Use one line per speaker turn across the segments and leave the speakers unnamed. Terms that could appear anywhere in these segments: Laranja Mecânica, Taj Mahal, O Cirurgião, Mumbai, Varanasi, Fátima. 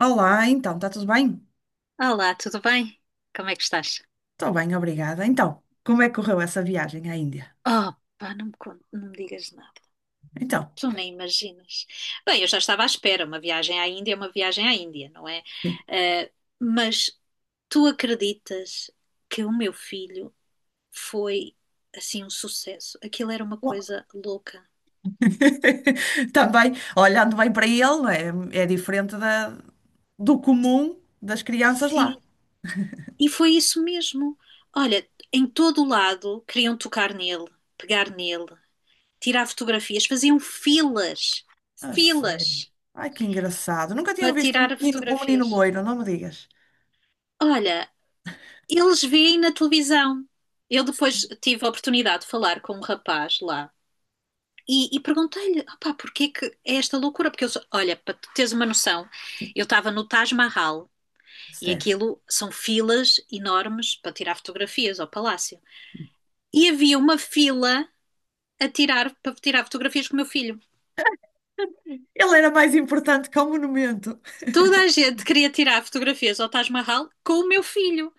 Olá, então, está tudo bem?
Olá, tudo bem? Como é que estás?
Estou bem, obrigada. Então, como é que correu essa viagem à Índia?
Oh, pá, não me digas nada.
Então,
Tu nem imaginas. Bem, eu já estava à espera. Uma viagem à Índia é uma viagem à Índia, não é?
sim.
Eh, mas tu acreditas que o meu filho foi, assim, um sucesso? Aquilo era uma
Ó.
coisa louca.
Também, olhando bem para ele, não é, é diferente do comum das crianças lá.
Sim, e foi isso mesmo. Olha, em todo o lado queriam tocar nele, pegar nele, tirar fotografias, faziam filas,
A sério.
filas
Ai, que engraçado. Nunca tinha
para
visto
tirar
um menino
fotografias.
loiro, não me digas.
Olha, eles veem na televisão. Eu depois tive a oportunidade de falar com um rapaz lá e perguntei-lhe, opá, porquê que é esta loucura? Porque eu, olha, para tu teres uma noção,
Sim,
eu estava no Taj Mahal e
certo.
aquilo são filas enormes para tirar fotografias ao palácio. E havia uma fila para tirar fotografias com o meu filho.
Ele era mais importante que o monumento.
Toda a gente queria tirar fotografias ao Taj Mahal com o meu filho.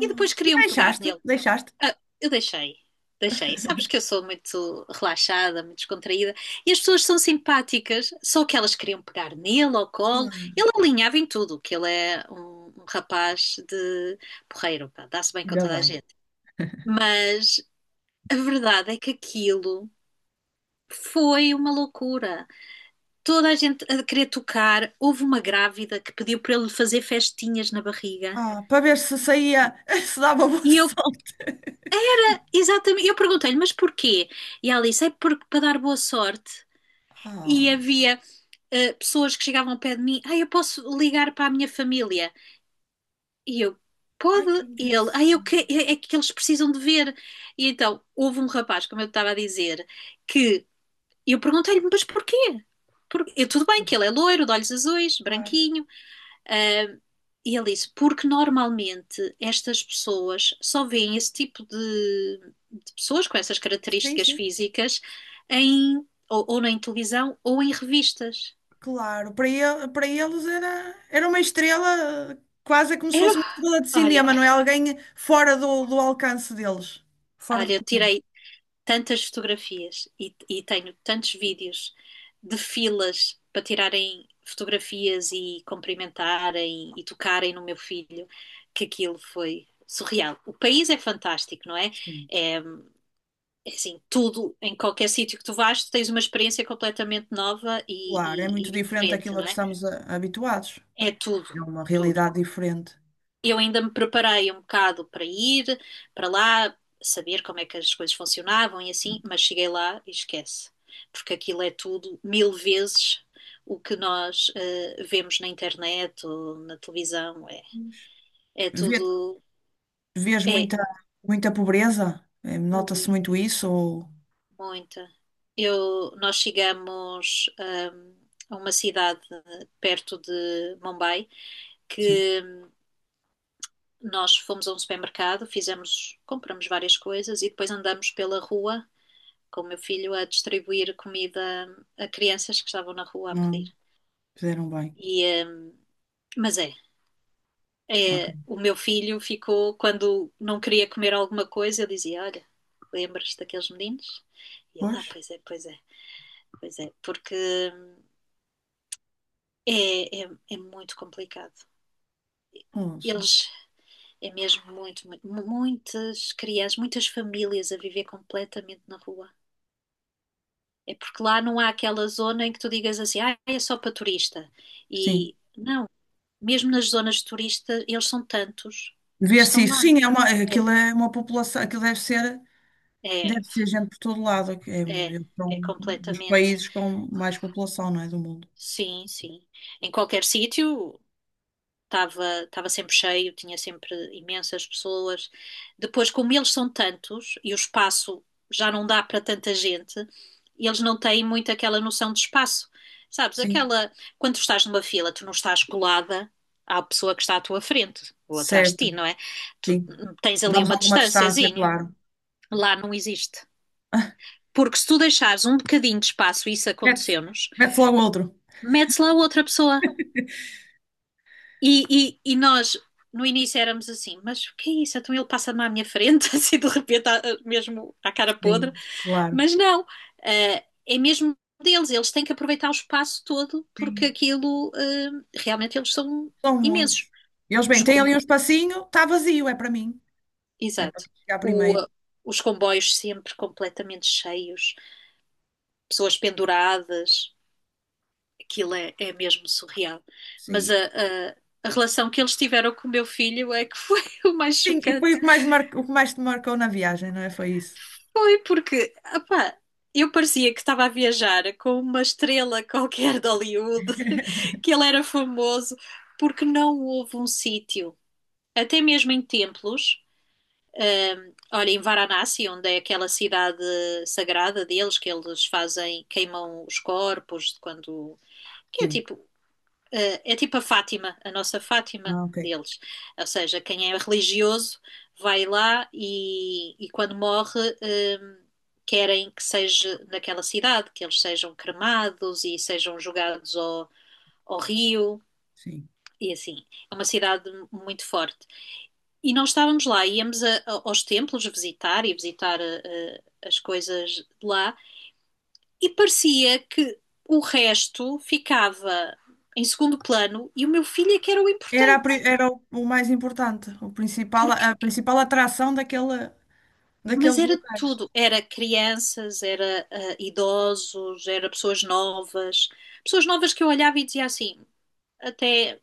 E depois
e
queriam pegar
deixaste,
nele.
deixaste.
Ah, eu deixei, deixei. Sabes que eu sou muito relaxada, muito descontraída, e as pessoas são simpáticas, só que elas queriam pegar nele ao colo.
Claro.
Ele alinhava em tudo, que ele é um, rapaz de porreiro, pá, dá-se bem com
Ainda
toda a
bem.
gente. Mas a verdade é que aquilo foi uma loucura. Toda a gente a querer tocar, houve uma grávida que pediu para ele fazer festinhas na barriga.
Ah, para ver se saía, se dava boa
E eu,
sorte.
exatamente, eu perguntei-lhe, mas porquê? E ela disse, é porque para dar boa sorte. E
Ah,
havia pessoas que chegavam ao pé de mim, ah, eu posso ligar para a minha família? E eu,
ai que
pode? E ele, ah, eu
engraçado.
que, é que eles precisam de ver. E então, houve um rapaz, como eu estava a dizer, que eu perguntei-lhe, mas porquê? Eu, tudo bem
Sim,
que ele é loiro, de olhos azuis,
claro.
branquinho, ah, e ele disse, porque normalmente estas pessoas só veem esse tipo de pessoas com essas
Sim,
características
sim,
físicas em, ou na televisão ou em revistas.
claro. Para ele, para eles era, uma estrela, quase é como se
Era
fosse uma estrela de
Olha,
cinema, não é? Alguém fora do alcance deles, fora do
olha, eu
comum.
tirei tantas fotografias e tenho tantos vídeos de filas para tirarem fotografias e cumprimentarem e tocarem no meu filho, que aquilo foi surreal. O país é fantástico, não é?
Sim.
É, é assim, tudo, em qualquer sítio que tu vais, tu tens uma experiência completamente nova e,
Claro, é
e-
muito
e
diferente
diferente,
daquilo a
não
que
é?
estamos habituados.
É tudo,
É uma
tudo.
realidade diferente.
Eu ainda me preparei um bocado para ir para lá, saber como é que as coisas funcionavam e assim, mas cheguei lá e esquece, porque aquilo é tudo mil vezes o que nós vemos na internet ou na televisão. É,
Pois.
é
Vê,
tudo.
vês
É,
muita, pobreza? Nota-se
ui,
muito isso? Ou...
muita. Nós chegamos a uma cidade perto de Mumbai
Sim.
que nós fomos a um supermercado, compramos várias coisas e depois andamos pela rua com o meu filho a distribuir comida a crianças que estavam na rua a pedir.
Fizeram bem.
E, eh, mas
Ok.
o meu filho ficou, quando não queria comer alguma coisa, eu dizia: Olha, lembras daqueles meninos? E ele,
Pois,
ah, pois é, pois é, pois é, porque hum, é muito complicado.
ouço.
Eles, é mesmo muito, muito, muitas crianças, muitas famílias a viver completamente na rua. É porque lá não há aquela zona em que tu digas assim, ah, é só para turista.
Sim.
E não, mesmo nas zonas turistas, eles são tantos que
Vê-se
estão
isso.
lá.
Sim, é uma,
É,
aquilo é uma população, aquilo deve ser, deve
é,
ser gente por todo lado, que É,
é,
é
é
um dos
completamente.
países com mais população, não é, do mundo.
Sim, sim. Em qualquer sítio estava sempre cheio, tinha sempre imensas pessoas. Depois, como eles são tantos e o espaço já não dá para tanta gente, eles não têm muito aquela noção de espaço. Sabes,
Sim,
aquela. Quando tu estás numa fila, tu não estás colada à pessoa que está à tua frente ou atrás de
certo.
ti, não é? Tu
Sim.
tens ali
Damos
uma
alguma distância,
distânciazinha.
claro.
Lá não existe. Porque se tu deixares um bocadinho de espaço, isso
Mete-se
aconteceu-nos,
mete-se logo outro.
metes lá outra pessoa. E nós, no início, éramos assim, mas o que é isso? Então ele passa-me à minha frente, assim, de repente, mesmo à cara podre.
Sim, claro.
Mas não, é mesmo deles. Eles têm que aproveitar o espaço todo, porque
Sim.
aquilo, realmente, eles são
São
imensos.
muitos. Eles,
Os
bem, têm
com...
ali um espacinho, está vazio, é para mim. É para
Exato.
chegar
O,
primeiro.
os comboios sempre completamente cheios, pessoas penduradas. Aquilo é mesmo surreal. Mas
Sim.
a relação que eles tiveram com o meu filho é que foi o mais
Sim, e foi o
chocante.
que mais te marcou na viagem, não é? Foi isso.
Foi porque, opá, eu parecia que estava a viajar com uma estrela qualquer de Hollywood, que ele era famoso, porque não houve um sítio, até mesmo em templos. Olha, em Varanasi, onde é aquela cidade sagrada deles, que eles fazem, queimam os corpos quando. Que é
Sim.
tipo eh, é tipo a Fátima, a nossa Fátima
Ah, ok.
deles. Ou seja, quem é religioso vai lá e quando morre, querem que seja naquela cidade, que eles sejam cremados e sejam jogados ao rio.
Sim.
E assim, é uma cidade muito forte. E nós estávamos lá, íamos aos templos visitar as coisas de lá, e parecia que o resto ficava em segundo plano e o meu filho é que era o
Era, a
importante.
pri- era o mais importante, o principal,
porque,
a principal atração daquele,
mas
daqueles
era de
locais.
tudo. Era crianças, era idosos, era pessoas novas. Pessoas novas que eu olhava e dizia assim, até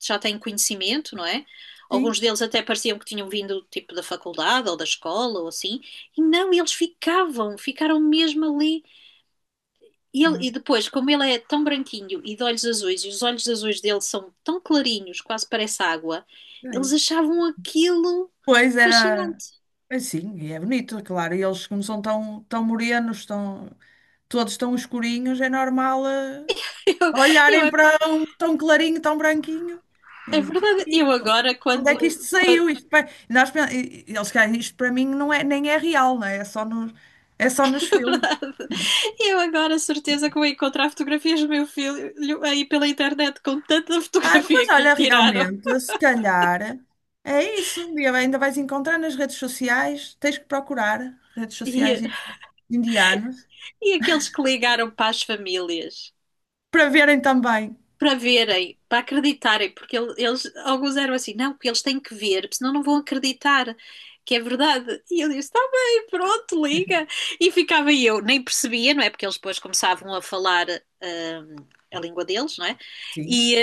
já têm conhecimento, não é?
Sim.
Alguns deles até pareciam que tinham vindo tipo da faculdade ou da escola ou assim. E não, eles ficavam, ficaram mesmo ali. E, ele-
Ah,
e depois, como ele é tão branquinho e de olhos azuis, e os olhos azuis dele são tão clarinhos, quase parece água, eles
ok.
achavam aquilo
Pois era,
fascinante.
sim, e é bonito, claro. E eles, como são tão, tão morenos, tão, todos tão escurinhos, é normal,
Eu, eu
olharem para um tão clarinho, tão branquinho.
É
Eles, o que
verdade,
é
eu
isto?
agora,
Onde
quando.
é que isto
quando
saiu? Isto, nós, eles, "Cara, isto para mim não é, nem é real, não é? É só nos, é só
é
nos filmes.
verdade. Eu agora, certeza que vou encontrar fotografias do meu filho aí pela internet com tanta
Ah, pois
fotografia que lhe
olha,
tiraram.
realmente, se calhar é isso. Um dia ainda vais encontrar nas redes sociais, tens que procurar redes sociais
E,
indianas
e aqueles que ligaram para as famílias
para verem também.
para verem, para acreditarem, porque eles, alguns eram assim, não, porque eles têm que ver, porque senão não vão acreditar que é verdade. E eu disse, está bem, pronto, liga. E ficava eu, nem percebia, não é? Porque eles depois começavam a falar. hum, a língua deles, não é?
Sim,
E,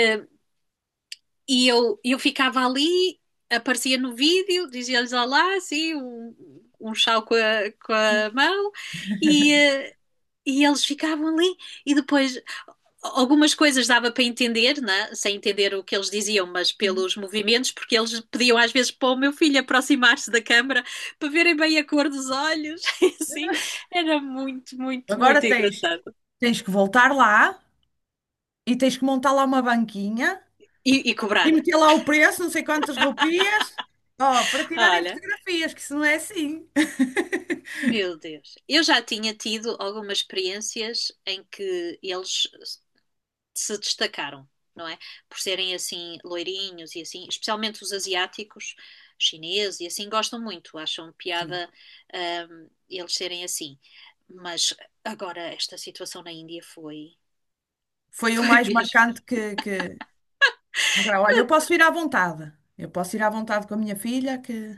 E eu ficava ali, aparecia no vídeo, dizia-lhes olá, assim, um, chau com a, com
sim.
a mão, e, eh, e eles ficavam ali. E depois, algumas coisas dava para entender, né? Sem entender o que eles diziam, mas
sim.
pelos movimentos, porque eles pediam às vezes para o meu filho aproximar-se da câmara para verem bem a cor dos olhos, e assim. Era muito, muito,
Agora
muito
tens,
engraçado.
tens que voltar lá e tens que montar lá uma banquinha
E
e
cobrar.
meter lá o preço, não sei quantas rupias, ó, para tirarem
Olha.
fotografias, que isso não é assim.
Meu Deus. Eu já tinha tido algumas experiências em que eles se destacaram, não é? Por serem assim loirinhos e assim, especialmente os asiáticos, chineses e assim, gostam muito, acham
Sim.
piada, eles serem assim. Mas agora esta situação na Índia foi,
Foi o
foi
mais
mesmo.
marcante que... Agora, olha, eu
Quando
posso ir à vontade. Eu posso ir à vontade com a minha filha, que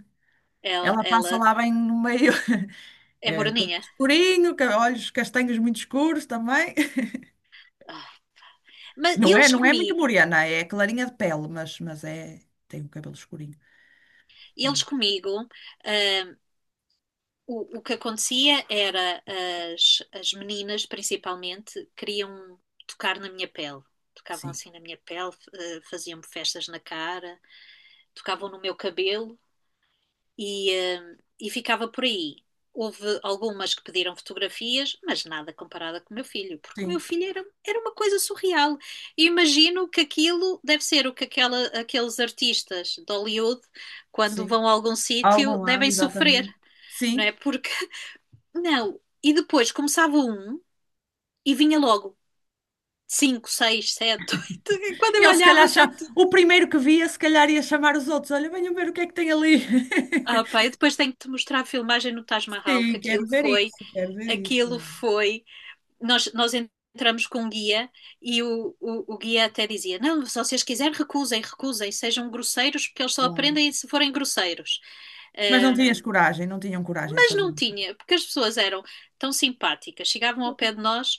ela,
Ela passa
ela
lá bem no meio,
é
é, cabelo
moreninha.
escurinho, olhos castanhos muito escuros também.
Ah. Mas
Não é,
eles
não é muito
comigo,
morena, é clarinha de pele, mas é, tem o cabelo escurinho.
eles
Hum,
comigo. hum, o que acontecia era as meninas, principalmente, queriam tocar na minha pele. Tocavam
Sim,
assim na minha pele, faziam-me festas na cara, tocavam no meu cabelo e ficava por aí. Houve algumas que pediram fotografias, mas nada comparada com o meu filho, porque o meu
sim,
filho era uma coisa surreal. E imagino que aquilo deve ser o que aqueles artistas de Hollywood, quando
sim.
vão a algum sítio,
Algum lado,
devem sofrer,
exatamente.
não
Sim.
é? Porque não. E depois começava um e vinha logo 5, 6, 7. 8. Quando
E
eu
ele se calhar,
olhava já tinha.
o primeiro que via, se calhar ia chamar os outros. Olha, venham ver o que é que tem ali.
Ah, pá, eu depois tenho que te mostrar a filmagem no Taj Mahal, que
Sim,
aquilo
quero ver
foi,
isso, quero ver isso.
aquilo foi. Nós entramos com um guia e o guia até dizia: Não, se vocês quiserem, recusem, recusem, sejam grosseiros, porque eles só
Claro.
aprendem se forem grosseiros.
Mas não
Ah,
tinhas coragem, não tinham coragem de
mas
fazer
não
isso.
tinha, porque as pessoas eram tão simpáticas, chegavam ao pé de nós.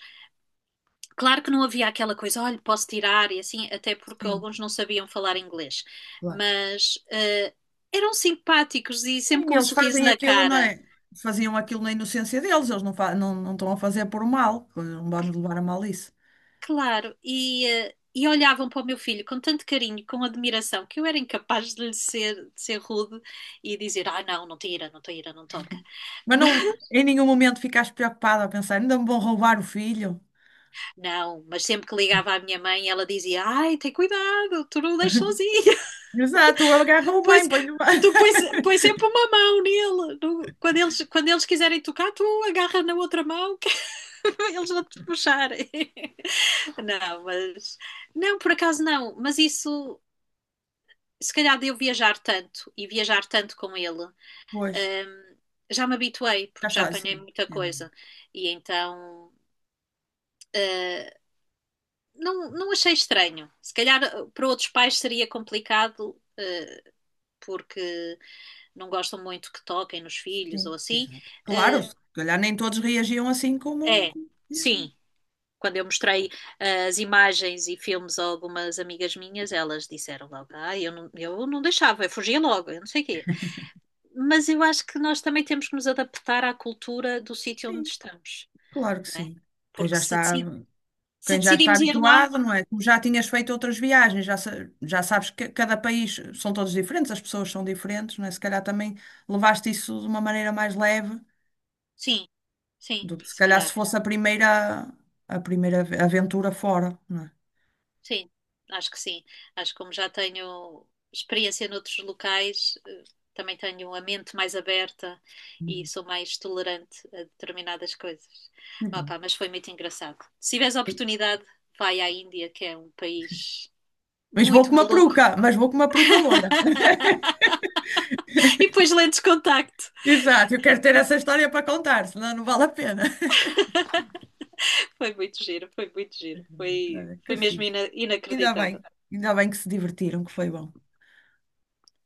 Claro que não havia aquela coisa, olha, posso tirar e assim, até porque
Sim,
alguns não sabiam falar inglês,
claro.
mas eram simpáticos e sempre
Sim,
com um
eles
sorriso
fazem
na
aquilo, não
cara,
é? Faziam aquilo na inocência deles, eles não, não, não estão a fazer por mal, não vamos levar a mal isso.
claro, e olhavam para o meu filho com tanto carinho, com admiração, que eu era incapaz de de ser rude e dizer, ah, não, não tira, não tira, não toca.
Mas não, em nenhum momento ficaste preocupada a pensar, ainda me vão roubar o filho.
Não, mas sempre que ligava à minha mãe, ela dizia, ai, tem cuidado, tu não o deixas sozinho.
Exato, agarrou bem,
Pois,
põe-lhe bem.
tu pões sempre uma mão nele. Quando eles, quiserem tocar, tu agarra na outra mão que eles vão te puxarem. Não, mas não, por acaso não. Mas isso, se calhar de eu viajar tanto e viajar tanto com ele,
Pois,
hum, já me habituei,
já
porque já
está,
apanhei
sim.
muita
É, não-
coisa. E então. eh, não, não achei estranho. Se calhar para outros pais seria complicado, porque não gostam muito que toquem nos filhos ou
Sim,
assim.
exato. Claro,
Eh,
se calhar nem todos reagiam assim como,
É,
como reagiam.
sim. Quando eu mostrei as imagens e filmes a algumas amigas minhas, elas disseram logo: Ah, eu não deixava, eu fugia logo, eu não sei o quê. Mas eu acho que nós também temos que nos adaptar à cultura do sítio onde
Sim,
estamos,
claro que
não é?
sim. Quem
Porque
já
se,
está.
decid- se
Quem já está
decidimos ir lá,
habituado, não é? Tu já tinhas feito outras viagens, já sabes que cada país são todos diferentes, as pessoas são diferentes, não é? Se calhar também levaste isso de uma maneira mais leve
sim, sim,
do que se
se
calhar se
calhar.
fosse a primeira, aventura fora, não é?
Sim, sim. Acho que como já tenho experiência noutros locais, também tenho a mente mais aberta e
Uhum.
sou mais tolerante a determinadas coisas.
E bom.
Opá, mas foi muito engraçado. Se tiveres a
E-
oportunidade, vai à Índia, que é um país
Mas vou com
muito
uma
maluco.
peruca, mas vou com uma peruca loira.
E depois lentes de contacto.
Exato, eu quero ter essa história para contar, senão não vale a pena.
Foi muito giro, foi muito giro. Foi,
Olha, que
foi mesmo
fixe. Ainda
inacreditável.
bem, ainda bem que se divertiram, que foi bom.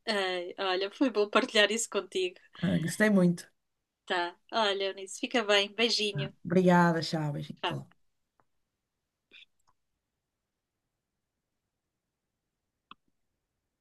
Ai, olha, foi bom partilhar isso contigo.
Ah, gostei muito.
Tá. Olha, Eunice, fica bem. Beijinho.
Obrigada, Chaves. Até logo.
Tchau.